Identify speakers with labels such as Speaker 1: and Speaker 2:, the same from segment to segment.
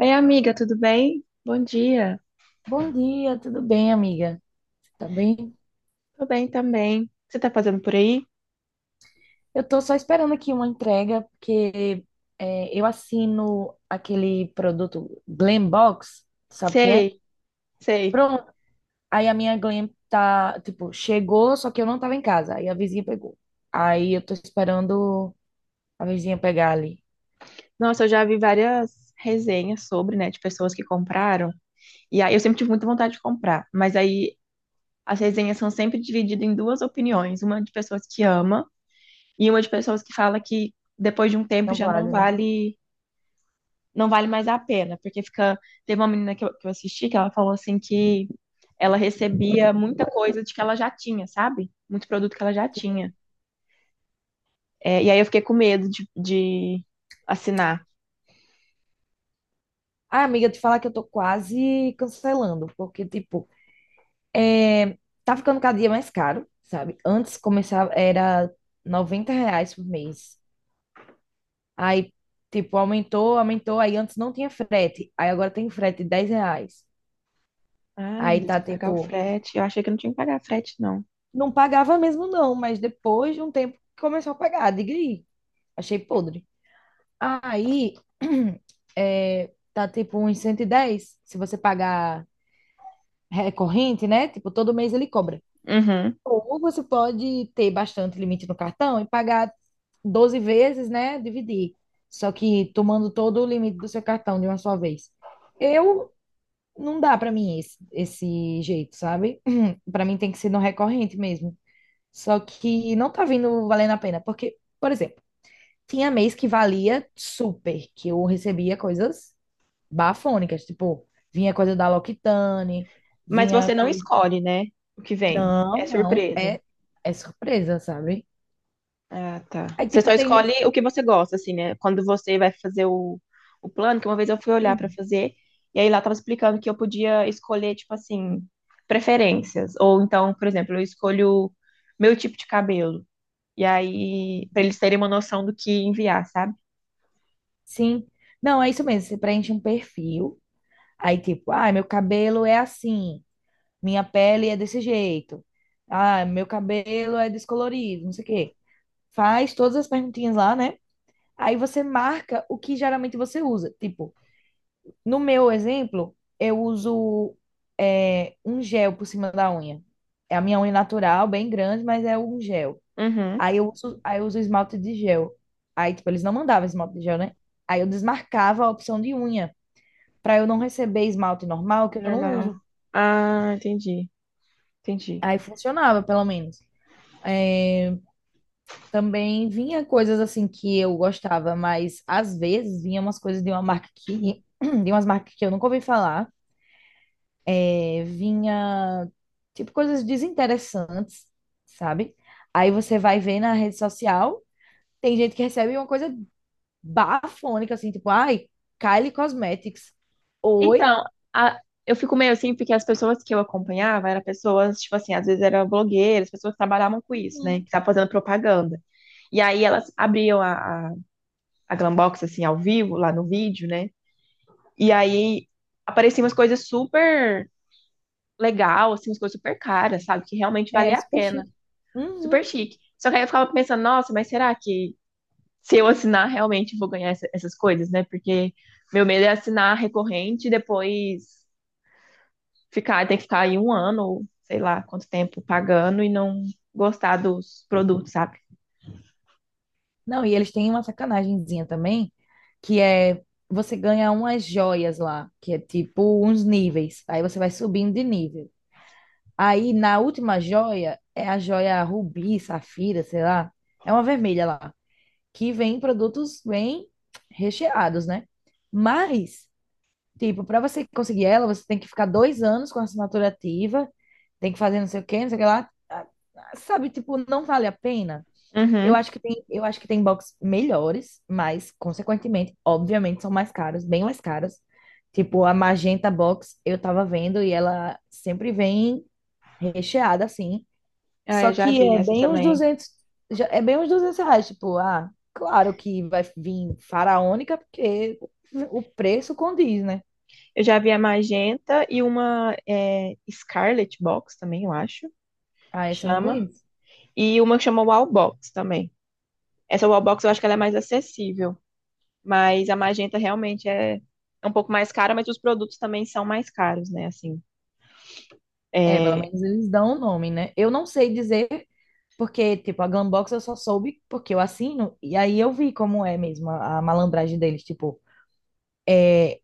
Speaker 1: Oi, amiga, tudo bem? Bom dia.
Speaker 2: Bom dia, tudo bem, amiga? Tá bem?
Speaker 1: Tô bem também. Você tá fazendo por aí?
Speaker 2: Eu tô só esperando aqui uma entrega, porque eu assino aquele produto Glam Box, sabe o que é?
Speaker 1: Sei, sei.
Speaker 2: Pronto. Aí a minha Glam tá, tipo, chegou, só que eu não tava em casa. Aí a vizinha pegou. Aí eu tô esperando a vizinha pegar ali.
Speaker 1: Nossa, eu já vi várias resenhas sobre, né, de pessoas que compraram. E aí eu sempre tive muita vontade de comprar, mas aí as resenhas são sempre divididas em duas opiniões, uma de pessoas que ama e uma de pessoas que fala que depois de um tempo
Speaker 2: Não
Speaker 1: já não
Speaker 2: vale, né?
Speaker 1: vale, não vale mais a pena, porque fica, teve uma menina que eu assisti que ela falou assim que ela recebia muita coisa de que ela já tinha, sabe? Muito produto que ela já tinha. É, e aí eu fiquei com medo de assinar.
Speaker 2: Ah, amiga, te falar que eu tô quase cancelando, porque, tipo, É, tá ficando cada dia mais caro, sabe? Antes começava, era 90 reais por mês. Aí, tipo, aumentou, aumentou. Aí antes não tinha frete. Aí agora tem frete de 10 reais.
Speaker 1: Ah, meu
Speaker 2: Aí
Speaker 1: Deus,
Speaker 2: tá,
Speaker 1: tem que pagar o
Speaker 2: tipo,
Speaker 1: frete. Eu achei que não tinha que pagar frete, não.
Speaker 2: não pagava mesmo não, mas depois de um tempo começou a pagar. Diga aí. Achei podre. Aí, é, tá, tipo, uns 110. Se você pagar recorrente, né? Tipo, todo mês ele cobra.
Speaker 1: Uhum.
Speaker 2: Ou você pode ter bastante limite no cartão e pagar 12 vezes, né? Dividir. Só que tomando todo o limite do seu cartão de uma só vez. Eu não dá para mim esse jeito, sabe? Para mim tem que ser no recorrente mesmo. Só que não tá vindo valendo a pena, porque, por exemplo, tinha mês que valia super, que eu recebia coisas bafônicas, tipo, vinha coisa da L'Occitane,
Speaker 1: Mas
Speaker 2: vinha
Speaker 1: você não
Speaker 2: coisa.
Speaker 1: escolhe, né? O que vem.
Speaker 2: Não,
Speaker 1: É
Speaker 2: não,
Speaker 1: surpresa.
Speaker 2: é surpresa, sabe?
Speaker 1: Ah, tá.
Speaker 2: Aí,
Speaker 1: Você só
Speaker 2: tipo, tem
Speaker 1: escolhe
Speaker 2: nesse...
Speaker 1: o que você gosta, assim, né? Quando você vai fazer o plano, que uma vez eu fui olhar pra
Speaker 2: Uhum.
Speaker 1: fazer, e aí lá tava explicando que eu podia escolher, tipo assim, preferências. Ou então, por exemplo, eu escolho meu tipo de cabelo. E aí, pra eles terem uma noção do que enviar, sabe?
Speaker 2: Sim. Não, é isso mesmo. Você preenche um perfil. Aí, tipo, ah, meu cabelo é assim. Minha pele é desse jeito. Ah, meu cabelo é descolorido, não sei o quê. Faz todas as perguntinhas lá, né? Aí você marca o que geralmente você usa. Tipo, no meu exemplo, eu uso um gel por cima da unha. É a minha unha natural, bem grande, mas é um gel.
Speaker 1: Uhum.
Speaker 2: Aí eu uso esmalte de gel. Aí, tipo, eles não mandavam esmalte de gel, né? Aí eu desmarcava a opção de unha, pra eu não receber esmalte normal, que eu não
Speaker 1: Normal.
Speaker 2: uso.
Speaker 1: Ah, entendi, entendi.
Speaker 2: Aí funcionava, pelo menos. Também vinha coisas assim que eu gostava, mas às vezes vinha umas coisas de uma marca que, de umas marcas que eu nunca ouvi falar. É, vinha, tipo, coisas desinteressantes, sabe? Aí você vai ver na rede social, tem gente que recebe uma coisa bafônica, assim, tipo, ai, Kylie Cosmetics. Oi?
Speaker 1: Então, a- eu fico meio assim, porque as pessoas que eu acompanhava eram pessoas, tipo assim, às vezes eram blogueiras, pessoas que trabalhavam com isso, né? Que
Speaker 2: Uhum.
Speaker 1: estavam fazendo propaganda. E aí elas abriam a Glambox, assim, ao vivo, lá no vídeo, né? E aí apareciam umas coisas super legal, assim, umas coisas super caras, sabe? Que realmente
Speaker 2: É
Speaker 1: valia a
Speaker 2: super
Speaker 1: pena.
Speaker 2: chique. Uhum.
Speaker 1: Super chique. Só que aí eu ficava pensando, nossa, mas será que se eu assinar, realmente vou ganhar essas coisas, né? Porque meu medo é assinar recorrente e depois ficar, ter que ficar aí um ano, ou sei lá quanto tempo, pagando e não gostar dos produtos, sabe?
Speaker 2: Não, e eles têm uma sacanagemzinha também, que é você ganha umas joias lá, que é tipo uns níveis. Aí você vai subindo de nível. Aí na última joia é a joia rubi, safira, sei lá. É uma vermelha lá, que vem em produtos bem recheados, né? Mas, tipo, para você conseguir ela, você tem que ficar 2 anos com a assinatura ativa, tem que fazer não sei o quê, não sei o que lá. Sabe, tipo, não vale a pena. Eu
Speaker 1: Uhum.
Speaker 2: acho que tem, eu acho que tem box melhores, mas, consequentemente, obviamente, são mais caros bem mais caras. Tipo, a Magenta Box eu tava vendo e ela sempre vem recheada, assim.
Speaker 1: Ah,
Speaker 2: Só
Speaker 1: eu já
Speaker 2: que
Speaker 1: vi
Speaker 2: é
Speaker 1: essa
Speaker 2: bem
Speaker 1: também.
Speaker 2: uns 200 reais. Tipo, ah, claro que vai vir faraônica, porque o preço condiz, né?
Speaker 1: Eu já vi a magenta e uma é, Scarlet Box também, eu acho,
Speaker 2: Ah,
Speaker 1: que
Speaker 2: essa eu não
Speaker 1: chama.
Speaker 2: conheço.
Speaker 1: E uma que chama Wall Box também. Essa Wall Box eu acho que ela é mais acessível, mas a magenta realmente é um pouco mais cara, mas os produtos também são mais caros, né? Assim.
Speaker 2: É, pelo
Speaker 1: É,
Speaker 2: menos eles dão o nome, né? Eu não sei dizer. Porque, tipo, a Glambox eu só soube porque eu assino, e aí eu vi como é mesmo a malandragem deles. Tipo, é,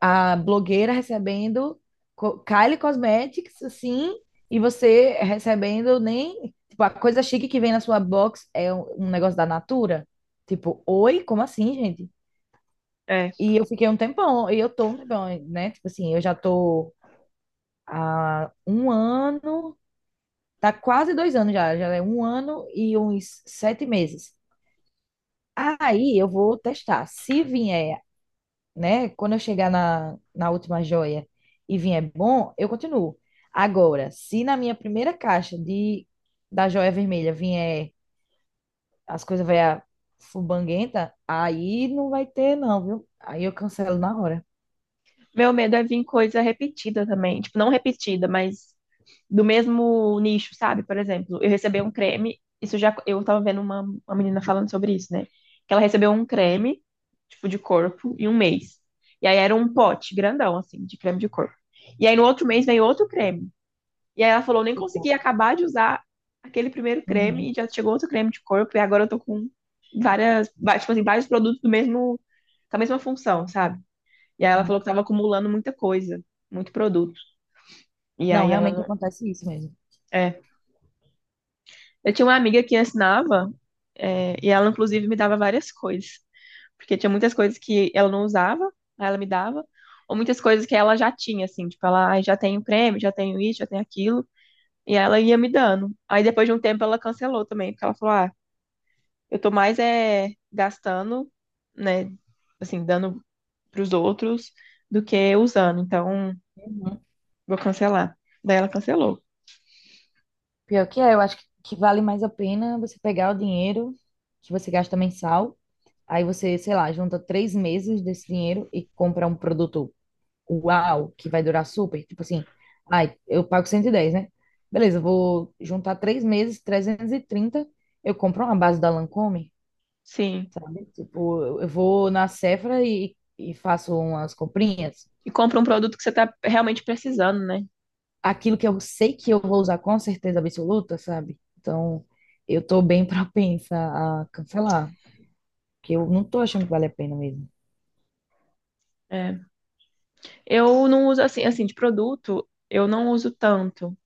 Speaker 2: a blogueira recebendo Kylie Cosmetics, assim, e você recebendo nem. Tipo, a coisa chique que vem na sua box é um negócio da Natura. Tipo, oi, como assim, gente?
Speaker 1: é.
Speaker 2: E eu fiquei um tempão, e eu tô um tempão, né? Tipo assim, eu já tô há um ano, tá quase 2 anos já, já é um ano e uns 7 meses. Aí eu vou testar. Se vier, né? Quando eu chegar na última joia e vier bom, eu continuo. Agora, se na minha primeira caixa da joia vermelha vier as coisas vai fubanguenta, aí não vai ter, não, viu? Aí eu cancelo na hora.
Speaker 1: Meu medo é vir coisa repetida também. Tipo, não repetida, mas do mesmo nicho, sabe? Por exemplo, eu recebi um creme. Isso já. Eu tava vendo uma menina falando sobre isso, né? Que ela recebeu um creme, tipo, de corpo, em um mês. E aí era um pote grandão, assim, de creme de corpo. E aí no outro mês veio outro creme. E aí ela falou: nem consegui
Speaker 2: Tipo,
Speaker 1: acabar de usar aquele primeiro creme
Speaker 2: uhum,
Speaker 1: e já chegou outro creme de corpo. E agora eu tô com várias. Tipo assim, vários produtos do mesmo. Com a mesma função, sabe? E aí ela falou
Speaker 2: uhum.
Speaker 1: que estava acumulando muita coisa, muito produto. E
Speaker 2: Não,
Speaker 1: aí ela
Speaker 2: realmente
Speaker 1: não.
Speaker 2: acontece isso mesmo.
Speaker 1: É. Eu tinha uma amiga que ensinava, é, e ela inclusive me dava várias coisas. Porque tinha muitas coisas que ela não usava, aí ela me dava, ou muitas coisas que ela já tinha, assim, tipo, ela: "Ai, já tenho o creme, já tenho isso, já tenho aquilo." E ela ia me dando. Aí depois de um tempo ela cancelou também, porque ela falou, ah, eu tô mais é, gastando, né, assim, dando pros outros do que usando, então
Speaker 2: Uhum.
Speaker 1: vou cancelar. Daí ela cancelou.
Speaker 2: Pior que é, eu acho que vale mais a pena você pegar o dinheiro que você gasta mensal. Aí você, sei lá, junta 3 meses desse dinheiro e compra um produto uau, que vai durar super. Tipo assim, ai, eu pago 110, né? Beleza, eu vou juntar 3 meses, 330, eu compro uma base da Lancôme,
Speaker 1: Sim.
Speaker 2: sabe? Tipo, eu vou na Sephora e faço umas comprinhas.
Speaker 1: E compra um produto que você tá realmente precisando, né?
Speaker 2: Aquilo que eu sei que eu vou usar com certeza absoluta, sabe? Então, eu tô bem propensa a cancelar, porque eu não tô achando que vale a pena mesmo.
Speaker 1: É. Eu não uso assim, assim, de produto, eu não uso tanto.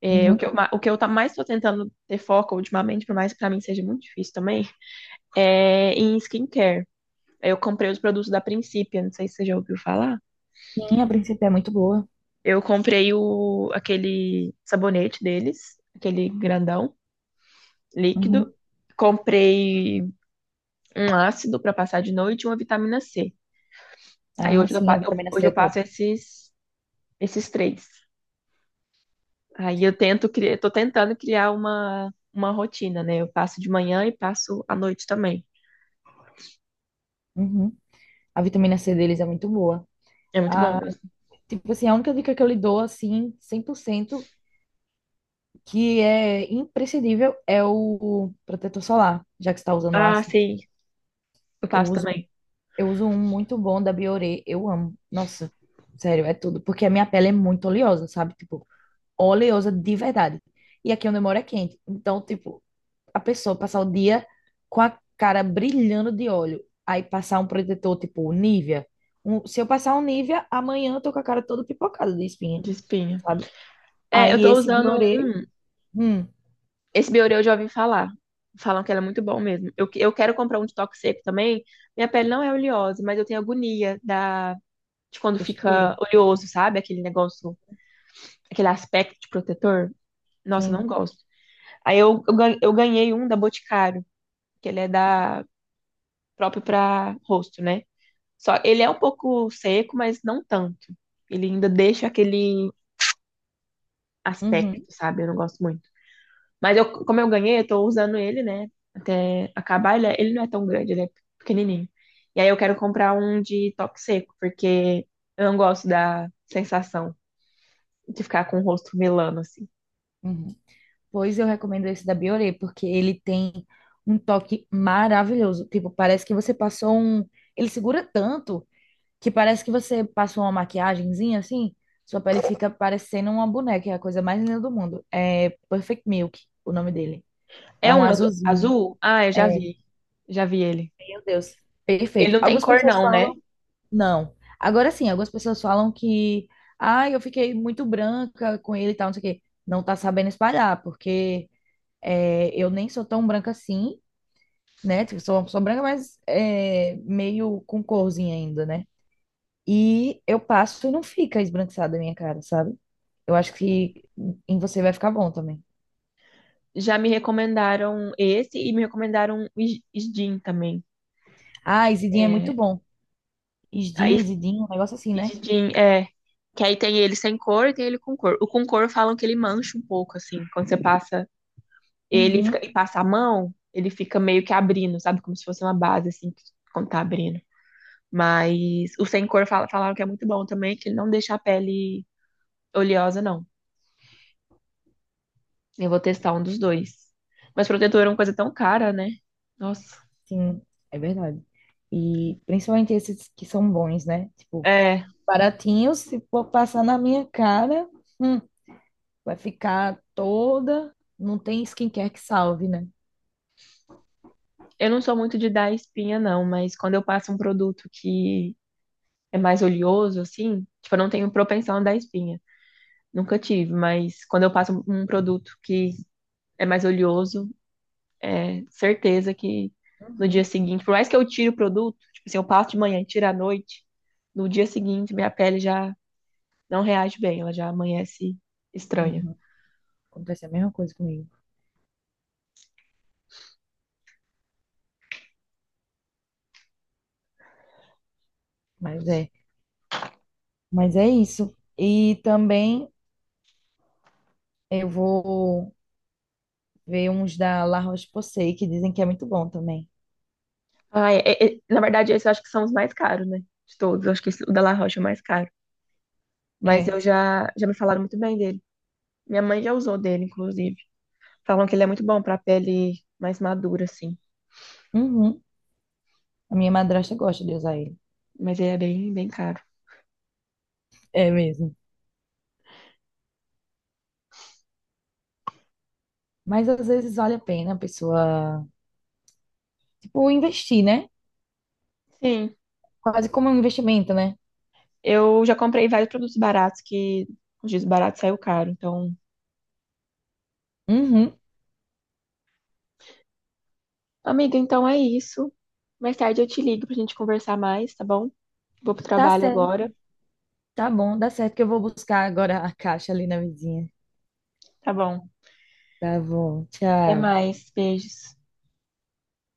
Speaker 1: É, o que
Speaker 2: Uhum.
Speaker 1: eu, o que eu tá mais tô tentando ter foco ultimamente, por mais que pra mim seja muito difícil também, é em skincare. Eu comprei os produtos da Principia, não sei se você já ouviu falar.
Speaker 2: Sim, a princípio é muito boa.
Speaker 1: Eu comprei o, aquele sabonete deles, aquele grandão, líquido.
Speaker 2: Uhum.
Speaker 1: Comprei um ácido pra passar de noite e uma vitamina C. Aí
Speaker 2: Ah,
Speaker 1: hoje eu,
Speaker 2: sim, a vitamina
Speaker 1: hoje
Speaker 2: C é
Speaker 1: eu
Speaker 2: top.
Speaker 1: passo esses, esses três. Aí eu tento criar, tô tentando criar uma rotina, né? Eu passo de manhã e passo à noite também.
Speaker 2: Uhum. A vitamina C deles é muito boa.
Speaker 1: É muito bom
Speaker 2: A
Speaker 1: mesmo.
Speaker 2: tipo assim, a única dica que eu lhe dou, assim, 100% que é imprescindível, é o protetor solar, já que você está usando
Speaker 1: Ah,
Speaker 2: ácido.
Speaker 1: sim, eu
Speaker 2: Eu
Speaker 1: passo
Speaker 2: uso,
Speaker 1: também
Speaker 2: eu uso um muito bom da Bioré, eu amo. Nossa, sério, é tudo. Porque a minha pele é muito oleosa, sabe? Tipo, oleosa de verdade. E aqui onde eu moro é quente. Então, tipo, a pessoa passar o dia com a cara brilhando de óleo, aí passar um protetor tipo Nivea. Se eu passar um Nivea, amanhã eu tô com a cara toda pipocada de espinha,
Speaker 1: de espinha.
Speaker 2: sabe?
Speaker 1: É, eu
Speaker 2: Aí
Speaker 1: tô
Speaker 2: esse
Speaker 1: usando um.
Speaker 2: Bioré. Hum.
Speaker 1: Esse Bioré eu já ouvi falar. Falam que ele é muito bom mesmo. Eu, eu quero comprar um de toque seco também. Minha pele não é oleosa, mas eu tenho agonia da, de quando
Speaker 2: Textura.
Speaker 1: fica oleoso, sabe? Aquele negócio, aquele aspecto de protetor. Nossa, eu
Speaker 2: Sim.
Speaker 1: não gosto. Aí eu, gan- Eu ganhei um da Boticário, que ele é da próprio pra rosto, né? Só ele é um pouco seco, mas não tanto. Ele ainda deixa aquele aspecto,
Speaker 2: Uhum,
Speaker 1: sabe? Eu não gosto muito. Mas eu, como eu ganhei, eu tô usando ele, né? Até acabar, ele não é tão grande, ele é pequenininho. E aí eu quero comprar um de toque seco, porque eu não gosto da sensação de ficar com o rosto melano, assim.
Speaker 2: uhum. Pois eu recomendo esse da Bioré, porque ele tem um toque maravilhoso. Tipo, parece que você passou um. Ele segura tanto que parece que você passa uma maquiagemzinha assim, sua pele fica parecendo uma boneca, é a coisa mais linda do mundo. É Perfect Milk, o nome dele. É
Speaker 1: É
Speaker 2: um
Speaker 1: um
Speaker 2: azulzinho.
Speaker 1: azul? Ah, eu já
Speaker 2: É,
Speaker 1: vi. Já vi ele.
Speaker 2: meu Deus,
Speaker 1: Ele
Speaker 2: perfeito.
Speaker 1: não tem
Speaker 2: Algumas
Speaker 1: cor
Speaker 2: pessoas
Speaker 1: não, né?
Speaker 2: falam, não. Agora sim, algumas pessoas falam que, ah, eu fiquei muito branca com ele e tal, não sei o quê. Não tá sabendo espalhar, porque eu nem sou tão branca assim, né? Tipo, sou uma pessoa branca, mas é, meio com corzinha ainda, né? E eu passo e não fica esbranquiçada a minha cara, sabe? Eu acho que em você vai ficar bom também.
Speaker 1: Já me recomendaram esse e me recomendaram o Isdin também.
Speaker 2: Ah, Isidinha é muito
Speaker 1: É,
Speaker 2: bom.
Speaker 1: aí
Speaker 2: Isdin, Isidinha, um negócio assim,
Speaker 1: e
Speaker 2: né?
Speaker 1: de jean, é. Que aí tem ele sem cor e tem ele com cor. O com cor falam que ele mancha um pouco, assim. Quando você passa ele e
Speaker 2: Uhum,
Speaker 1: e passa a mão, ele fica meio que abrindo, sabe? Como se fosse uma base, assim, que- quando tá abrindo. Mas o sem cor falaram que é muito bom também, que ele não deixa a pele oleosa, não. Eu vou testar um dos dois. Mas protetor é uma coisa tão cara, né? Nossa.
Speaker 2: sim, é verdade. E principalmente esses que são bons, né? Tipo,
Speaker 1: É,
Speaker 2: baratinhos, se for passar na minha cara, hum, vai ficar toda. Não tem skincare que salve, né?
Speaker 1: eu não sou muito de dar espinha, não, mas quando eu passo um produto que é mais oleoso, assim, tipo, eu não tenho propensão a dar espinha. Nunca tive, mas quando eu passo um produto que é mais oleoso, é certeza que no dia
Speaker 2: Uhum,
Speaker 1: seguinte, por mais que eu tire o produto, tipo assim, eu passo de manhã e tiro à noite, no dia seguinte minha pele já não reage bem, ela já amanhece estranha.
Speaker 2: uhum. Acontece a mesma coisa comigo. Mas é, mas é isso. E também eu vou. Veio uns da La Roche-Posay, que dizem que é muito bom também.
Speaker 1: Ah, na verdade, esses eu acho que são os mais caros, né? De todos, eu acho que o da La Roche é o mais caro. Mas
Speaker 2: É.
Speaker 1: eu já, já me falaram muito bem dele. Minha mãe já usou dele, inclusive. Falam que ele é muito bom pra pele mais madura, assim.
Speaker 2: Uhum. A minha madrasta gosta de usar ele.
Speaker 1: Mas ele é bem, bem caro.
Speaker 2: É mesmo. Mas às vezes vale a pena a pessoa, tipo, investir, né?
Speaker 1: Sim,
Speaker 2: Quase como um investimento, né?
Speaker 1: eu já comprei vários produtos baratos que os dias baratos saiu caro. Então,
Speaker 2: Uhum.
Speaker 1: amiga, então é isso. Mais tarde eu te ligo pra gente conversar mais, tá bom? Vou pro
Speaker 2: Tá
Speaker 1: trabalho agora.
Speaker 2: certo. Tá bom, dá certo que eu vou buscar agora a caixa ali na vizinha.
Speaker 1: Tá bom.
Speaker 2: Tá bom.
Speaker 1: Até
Speaker 2: Tchau.
Speaker 1: mais. Beijos.